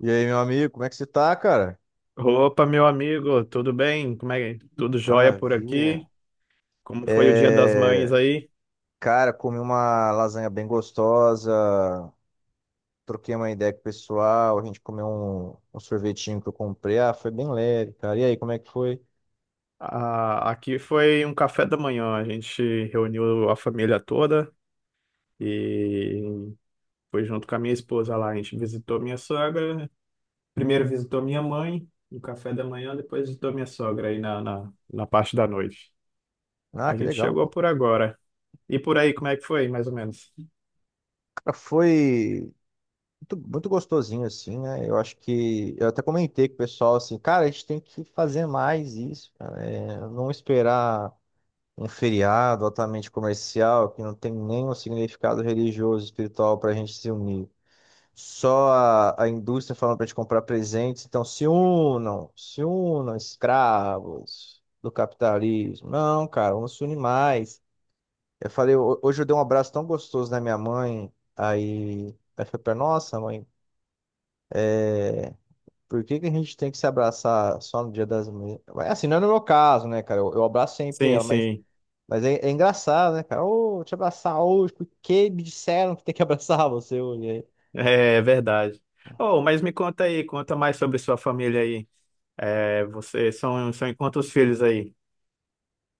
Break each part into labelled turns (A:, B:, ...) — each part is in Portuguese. A: E aí, meu amigo, como é que você tá, cara?
B: Opa, meu amigo, tudo bem? Como é que tudo jóia por
A: Maravilha.
B: aqui? Como foi o Dia das Mães
A: É,
B: aí?
A: Cara, comi uma lasanha bem gostosa, troquei uma ideia com o pessoal, a gente comeu um sorvetinho que eu comprei. Ah, foi bem leve, cara. E aí, como é que foi?
B: Ah, aqui foi um café da manhã, a gente reuniu a família toda e foi junto com a minha esposa lá. A gente visitou minha sogra, primeiro visitou minha mãe no café da manhã, depois visitou minha sogra aí na parte da noite.
A: Ah,
B: A
A: que
B: gente
A: legal,
B: chegou
A: cara.
B: por agora. E por aí, como é que foi, mais ou menos?
A: Cara, foi muito, muito gostosinho, assim, né? Eu acho que eu até comentei com o pessoal, assim, cara, a gente tem que fazer mais isso, cara. É, não esperar um feriado altamente comercial que não tem nenhum significado religioso, espiritual para a gente se unir. Só a indústria falando para a gente comprar presentes, então se unam, se unam, escravos do capitalismo. Não, cara, vamos se unir mais. Eu falei, hoje eu dei um abraço tão gostoso na minha mãe, aí ela falou pra nossa mãe, é, por que que a gente tem que se abraçar só no Dia das Mães? Mas, assim, não é no meu caso, né, cara? Eu abraço sempre
B: Sim,
A: ela, mas
B: sim.
A: Mas é engraçado, né, cara? Ô, te abraçar hoje, porque me disseram que tem que abraçar você hoje. Aí,
B: É verdade. Oh, mas me conta aí, conta mais sobre sua família aí. É, vocês são em quantos filhos aí?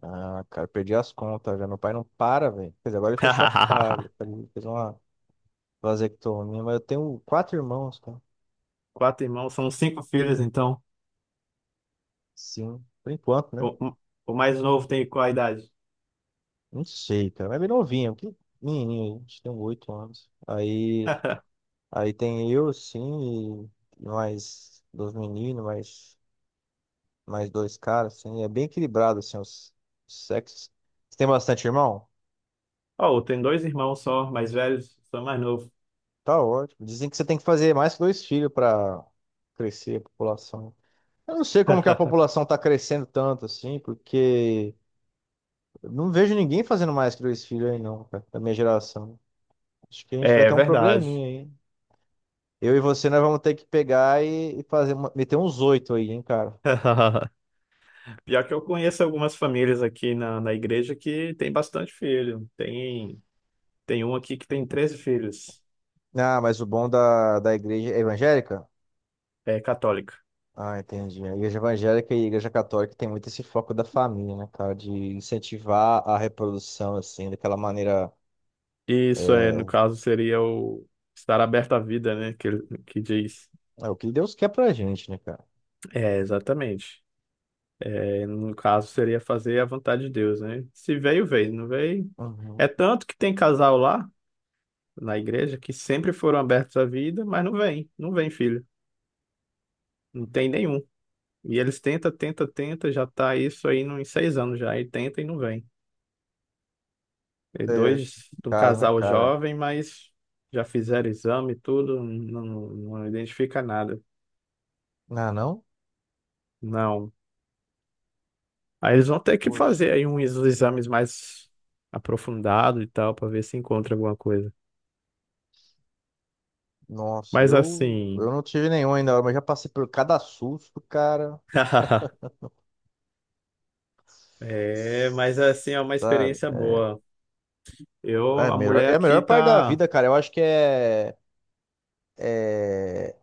A: ah, cara, perdi as contas já. Meu pai não para, velho. Quer dizer, agora ele fechou a fábrica, ele fez uma vasectomia, mas eu tenho quatro irmãos, cara.
B: Quatro irmãos, são cinco filhos, então.
A: Sim, por enquanto, né?
B: O, o mais novo tem qual a idade?
A: Não sei, cara. Mas é bem novinho, que menininho, a gente tem 8 anos. Aí, aí tem eu, sim, e mais dois meninos, mais dois caras, assim. É bem equilibrado, assim, os sexos. Você tem bastante irmão?
B: Oh, tem dois irmãos só, mais velhos, sou mais novo.
A: Tá ótimo. Dizem que você tem que fazer mais que dois filhos para crescer a população. Eu não sei como que a população tá crescendo tanto assim, porque eu não vejo ninguém fazendo mais que dois filhos aí não, cara, da minha geração. Acho que a gente vai
B: É
A: ter um
B: verdade.
A: probleminha aí. Eu e você, nós vamos ter que pegar e fazer, meter uns oito aí, hein, cara.
B: Pior que eu conheço algumas famílias aqui na igreja que tem bastante filho. Tem um aqui que tem 13 filhos,
A: Ah, mas o bom da igreja é evangélica?
B: é católica.
A: Ah, entendi. A igreja evangélica e a igreja católica tem muito esse foco da família, né, cara? De incentivar a reprodução, assim, daquela maneira.
B: Isso é,
A: é,
B: no caso, seria o estar aberto à vida, né? Que diz.
A: É o que Deus quer pra gente, né, cara?
B: É, exatamente. É, no caso, seria fazer a vontade de Deus, né? Se veio, veio. Não veio. É
A: Uhum.
B: tanto que tem casal lá na igreja que sempre foram abertos à vida, mas não vem. Não vem, filho. Não tem nenhum. E eles tenta, tenta, tenta, já tá isso aí nos 6 anos já. E tenta e não vem. E
A: É
B: dois de um
A: complicado, né,
B: casal
A: cara?
B: jovem, mas já fizeram exame e tudo, não identifica nada.
A: Ah, não?
B: Não. Aí eles vão ter que
A: Poxa,
B: fazer
A: cara.
B: aí uns exames mais aprofundados e tal, para ver se encontra alguma coisa.
A: Nossa,
B: Mas
A: eu
B: assim.
A: não tive nenhum ainda, mas já passei por cada susto, cara.
B: É, mas assim, é uma
A: Sabe?
B: experiência boa. Eu, a mulher
A: É a melhor
B: aqui
A: parte da
B: tá.
A: vida, cara. Eu acho que é,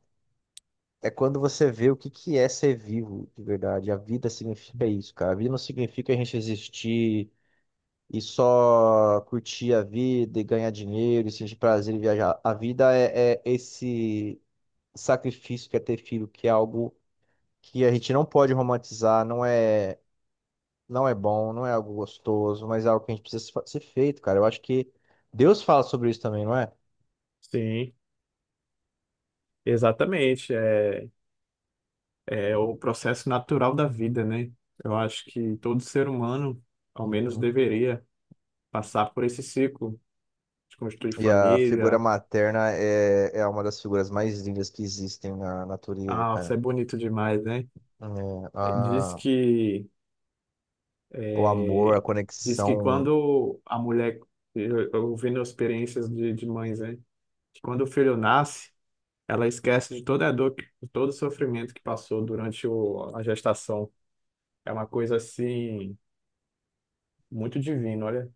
A: é quando você vê o que que é ser vivo de verdade. A vida significa isso, cara. A vida não significa a gente existir e só curtir a vida e ganhar dinheiro e sentir prazer em viajar. A vida é esse sacrifício que é ter filho, que é algo que a gente não pode romantizar, não é, não é bom, não é algo gostoso, mas é algo que a gente precisa se fa- ser feito, cara. Eu acho que Deus fala sobre isso também, não é?
B: Sim, exatamente. É, é o processo natural da vida, né? Eu acho que todo ser humano, ao menos,
A: Uhum.
B: deveria passar por esse ciclo de construir
A: E a figura
B: família.
A: materna é uma das figuras mais lindas que existem na natureza,
B: Ah, isso
A: cara.
B: é bonito demais, né?
A: É,
B: Diz que
A: o amor, a
B: é, diz que
A: conexão.
B: quando a mulher, eu ouvindo experiências de mães, né? Que quando o filho nasce, ela esquece de toda a dor, de todo o sofrimento que passou durante a gestação. É uma coisa assim muito divina, olha,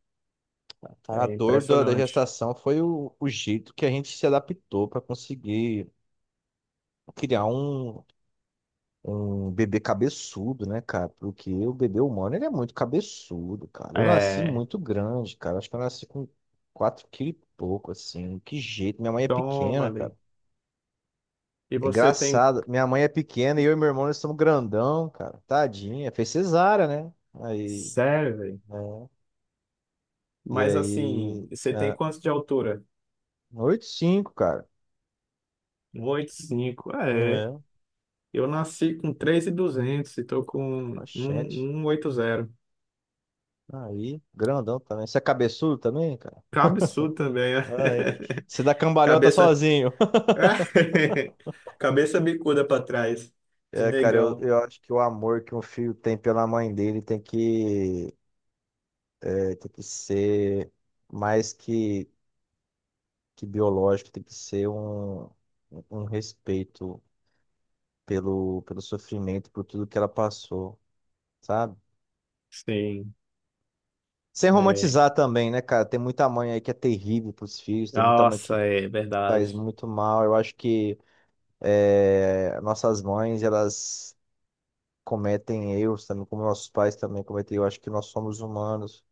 A: Cara, a
B: é
A: dor da
B: impressionante.
A: gestação foi o jeito que a gente se adaptou para conseguir criar um bebê cabeçudo, né, cara? Porque o bebê humano, ele é muito cabeçudo, cara. Eu nasci
B: É,
A: muito grande, cara. Acho que eu nasci com 4 quilos e pouco, assim. Que jeito. Minha mãe é
B: toma
A: pequena,
B: ali.
A: cara.
B: E
A: É
B: você tem,
A: engraçado. Minha mãe é pequena e eu e meu irmão, nós somos grandão, cara. Tadinha. Fez cesárea, né? Aí,
B: sério, velho?
A: né? E
B: Mas
A: aí,
B: assim, você tem
A: ah,
B: quanto de altura?
A: oito e cinco, cara.
B: Um 1,85. É.
A: É,
B: Eu nasci com 3.200 e duzentos e tô com
A: bastante.
B: 1.180.
A: Aí, grandão também. Você é cabeçudo também, cara?
B: Que absurdo também, né?
A: Ai, você dá cambalhota
B: Cabeça.
A: sozinho.
B: Cabeça bicuda para trás, de
A: É, cara, eu,
B: negão.
A: eu acho que o amor que um filho tem pela mãe dele tem que ser mais que biológico, tem que ser um respeito pelo sofrimento, por tudo que ela passou, sabe?
B: Sim,
A: Sem
B: é.
A: romantizar também, né, cara? Tem muita mãe aí que é terrível pros filhos, tem muita mãe que
B: Nossa, é
A: faz
B: verdade.
A: muito mal. Eu acho que nossas mães, elas cometem erros também, como nossos pais também cometem. Eu acho que nós somos humanos.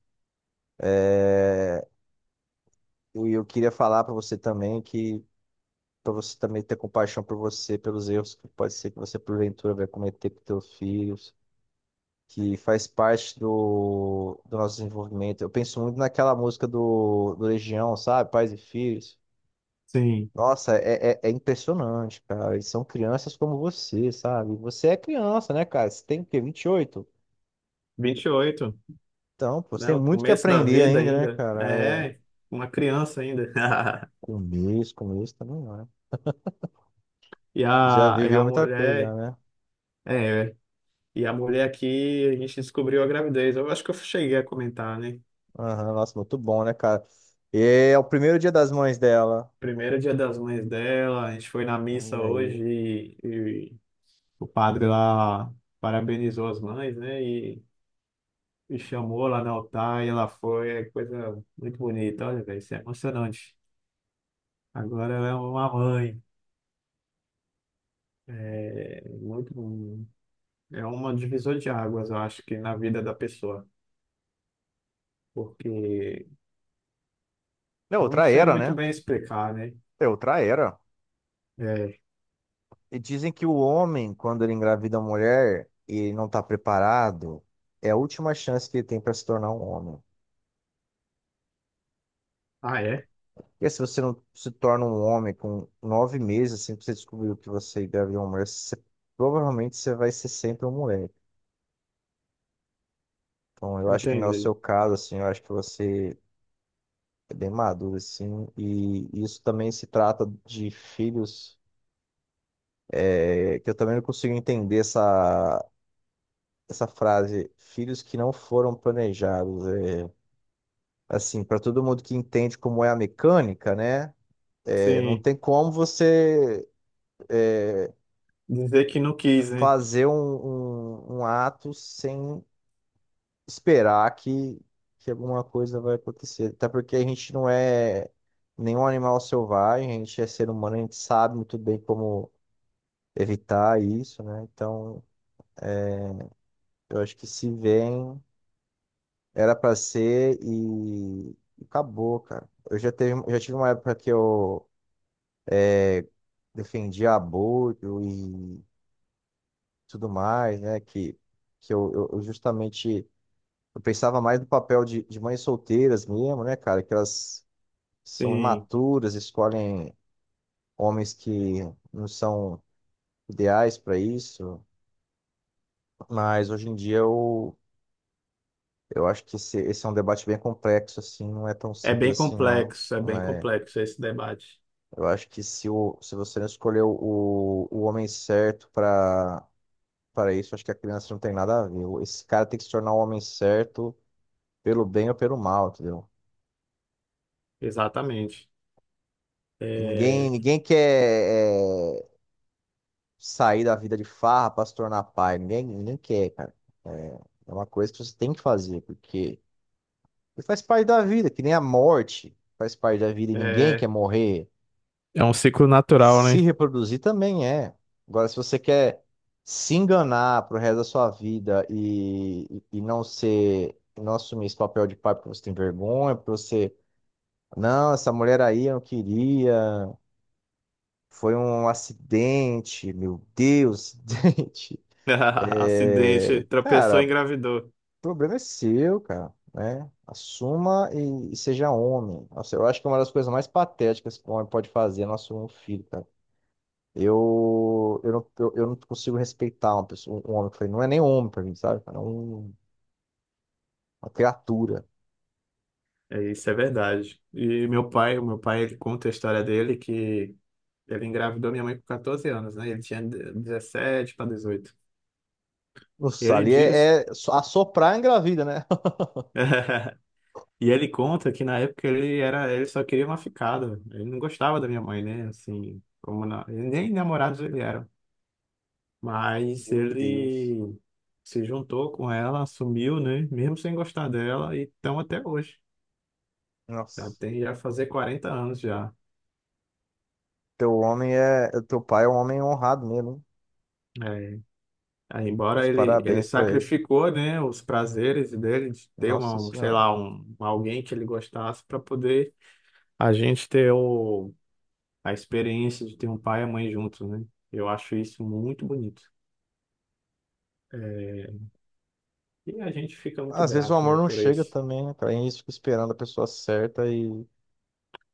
A: E eu queria falar para você também que para você também ter compaixão por você, pelos erros que pode ser que você porventura vai cometer com teus filhos, que faz parte do nosso desenvolvimento. Eu penso muito naquela música do Legião, sabe? Pais e Filhos.
B: Sim.
A: Nossa, é impressionante, cara. Eles são crianças como você, sabe? Você é criança, né, cara? Você tem o quê? 28?
B: 28,
A: Então, pô, você
B: né?
A: tem
B: O
A: muito que
B: começo da
A: aprender
B: vida
A: ainda, né,
B: ainda.
A: cara? É,
B: É, uma criança ainda.
A: começo, começo também, né? Já
B: E
A: viveu
B: a
A: muita coisa, já,
B: mulher.
A: né?
B: É, e a mulher aqui, a gente descobriu a gravidez. Eu acho que eu cheguei a comentar, né?
A: Aham, nossa, muito bom, né, cara? E é o primeiro Dia das Mães dela.
B: Primeiro dia das mães dela, a gente foi na
A: E
B: missa hoje
A: aí?
B: e o padre lá parabenizou as mães, né? E chamou lá no altar e ela foi, é coisa muito bonita, olha, velho, isso é emocionante. Agora ela é uma mãe, é muito, é uma divisor de águas, eu acho que na vida da pessoa, porque
A: É
B: eu não
A: outra
B: sei
A: era,
B: muito
A: né?
B: bem explicar, né?
A: É outra era.
B: É,
A: E dizem que o homem, quando ele engravida a mulher e ele não tá preparado, é a última chance que ele tem para se tornar um homem.
B: ah, é?
A: E se você não se torna um homem com 9 meses, assim que você descobriu que você engravidou uma mulher, provavelmente você vai ser sempre um moleque. Então, eu acho que não é o seu
B: Entendi.
A: caso, assim, eu acho que você é bem maduro, assim. E isso também se trata de filhos, que eu também não consigo entender essa frase, filhos que não foram planejados. É, assim, para todo mundo que entende como é a mecânica, né? É, não
B: Sim,
A: tem como você
B: dizer que não quis, né?
A: fazer um ato sem esperar que alguma coisa vai acontecer. Até porque a gente não é nenhum animal selvagem, a gente é ser humano, a gente sabe muito bem como evitar isso, né? Então, eu acho que se vem era pra ser e acabou, cara. Eu já tive uma época que eu defendia aborto e tudo mais, né? Que eu justamente eu pensava mais no papel de mães solteiras mesmo, né, cara? Que elas são
B: Sim.
A: imaturas, escolhem homens que não são ideais pra isso. Mas hoje em dia eu acho que esse é um debate bem complexo, assim, não é tão simples assim, não.
B: É
A: Não
B: bem
A: é.
B: complexo esse debate.
A: Eu acho que se você não escolheu o homem certo para isso, acho que a criança não tem nada a ver. Esse cara tem que se tornar o homem certo pelo bem ou pelo mal, entendeu?
B: Exatamente.
A: Ninguém,
B: É,
A: ninguém quer sair da vida de farra para se tornar pai. Ninguém, ninguém quer, cara. É, é uma coisa que você tem que fazer, porque faz parte da vida, que nem a morte faz parte da vida e ninguém quer
B: é.
A: morrer.
B: É um ciclo natural, né?
A: Se reproduzir também é. Agora, se você quer se enganar pro resto da sua vida e não ser, não assumir esse papel de pai porque você tem vergonha, porque você, não, essa mulher aí eu não queria, foi um acidente, meu Deus, acidente. É,
B: Acidente, tropeçou
A: cara,
B: e
A: o
B: engravidou.
A: problema é seu, cara, né? Assuma e seja homem. Nossa, eu acho que é uma das coisas mais patéticas que um homem pode fazer é não assumir um filho, cara. Eu, não, eu não consigo respeitar uma pessoa, um homem. Eu falei, não é nem homem pra mim, sabe? Cara? É uma criatura.
B: É, isso é verdade. E o meu pai, ele conta a história dele que ele engravidou minha mãe com 14 anos, né? Ele tinha 17 para 18.
A: Nossa,
B: Ele
A: ali
B: diz,
A: é só assoprar engravida, né?
B: e ele conta que na época ele só queria uma ficada. Ele não gostava da minha mãe, né? Assim, como nem namorados ele era. Mas
A: Meu Deus.
B: ele se juntou com ela, assumiu, né? Mesmo sem gostar dela, e estão até hoje. Já
A: Nossa.
B: tem, já fazer 40 anos já.
A: Teu homem é. Teu pai é um homem honrado mesmo. Hein?
B: É. Aí, embora
A: Meus
B: ele
A: parabéns pra ele.
B: sacrificou, né, os prazeres dele de ter
A: Nossa
B: um, sei
A: Senhora.
B: lá, um, alguém que ele gostasse para poder a gente ter a experiência de ter um pai e a mãe juntos, né? Eu acho isso muito bonito. É, e a gente fica muito
A: Às vezes o
B: grato,
A: amor
B: né,
A: não
B: por
A: chega
B: isso.
A: também, né, cara? A gente fica esperando a pessoa certa e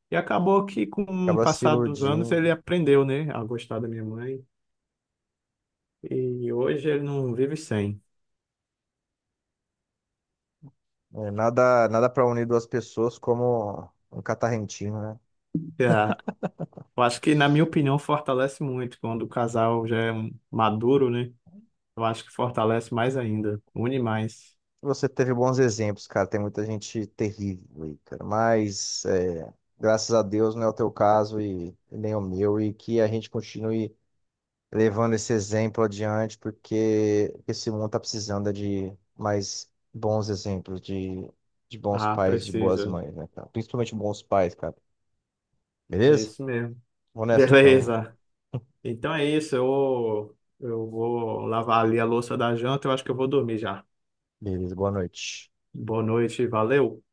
B: E acabou que, com o
A: acaba se
B: passar dos anos,
A: iludindo.
B: ele aprendeu, né, a gostar da minha mãe. E hoje ele não vive sem.
A: É, nada, nada para unir duas pessoas como um catarrentinho, né?
B: É, eu acho que, na minha opinião, fortalece muito quando o casal já é maduro, né? Eu acho que fortalece mais ainda, une mais.
A: Você teve bons exemplos, cara. Tem muita gente terrível aí, cara. Mas é, graças a Deus não é o teu caso e nem o meu. E que a gente continue levando esse exemplo adiante, porque esse mundo tá precisando é de mais bons exemplos, de bons
B: Ah,
A: pais, de boas
B: precisa.
A: mães, né, cara? Principalmente bons pais, cara.
B: É
A: Beleza?
B: isso mesmo.
A: Vou nessa então.
B: Beleza. Então é isso. Eu vou lavar ali a louça da janta. Eu acho que eu vou dormir já.
A: Beleza, boa noite.
B: Boa noite, valeu.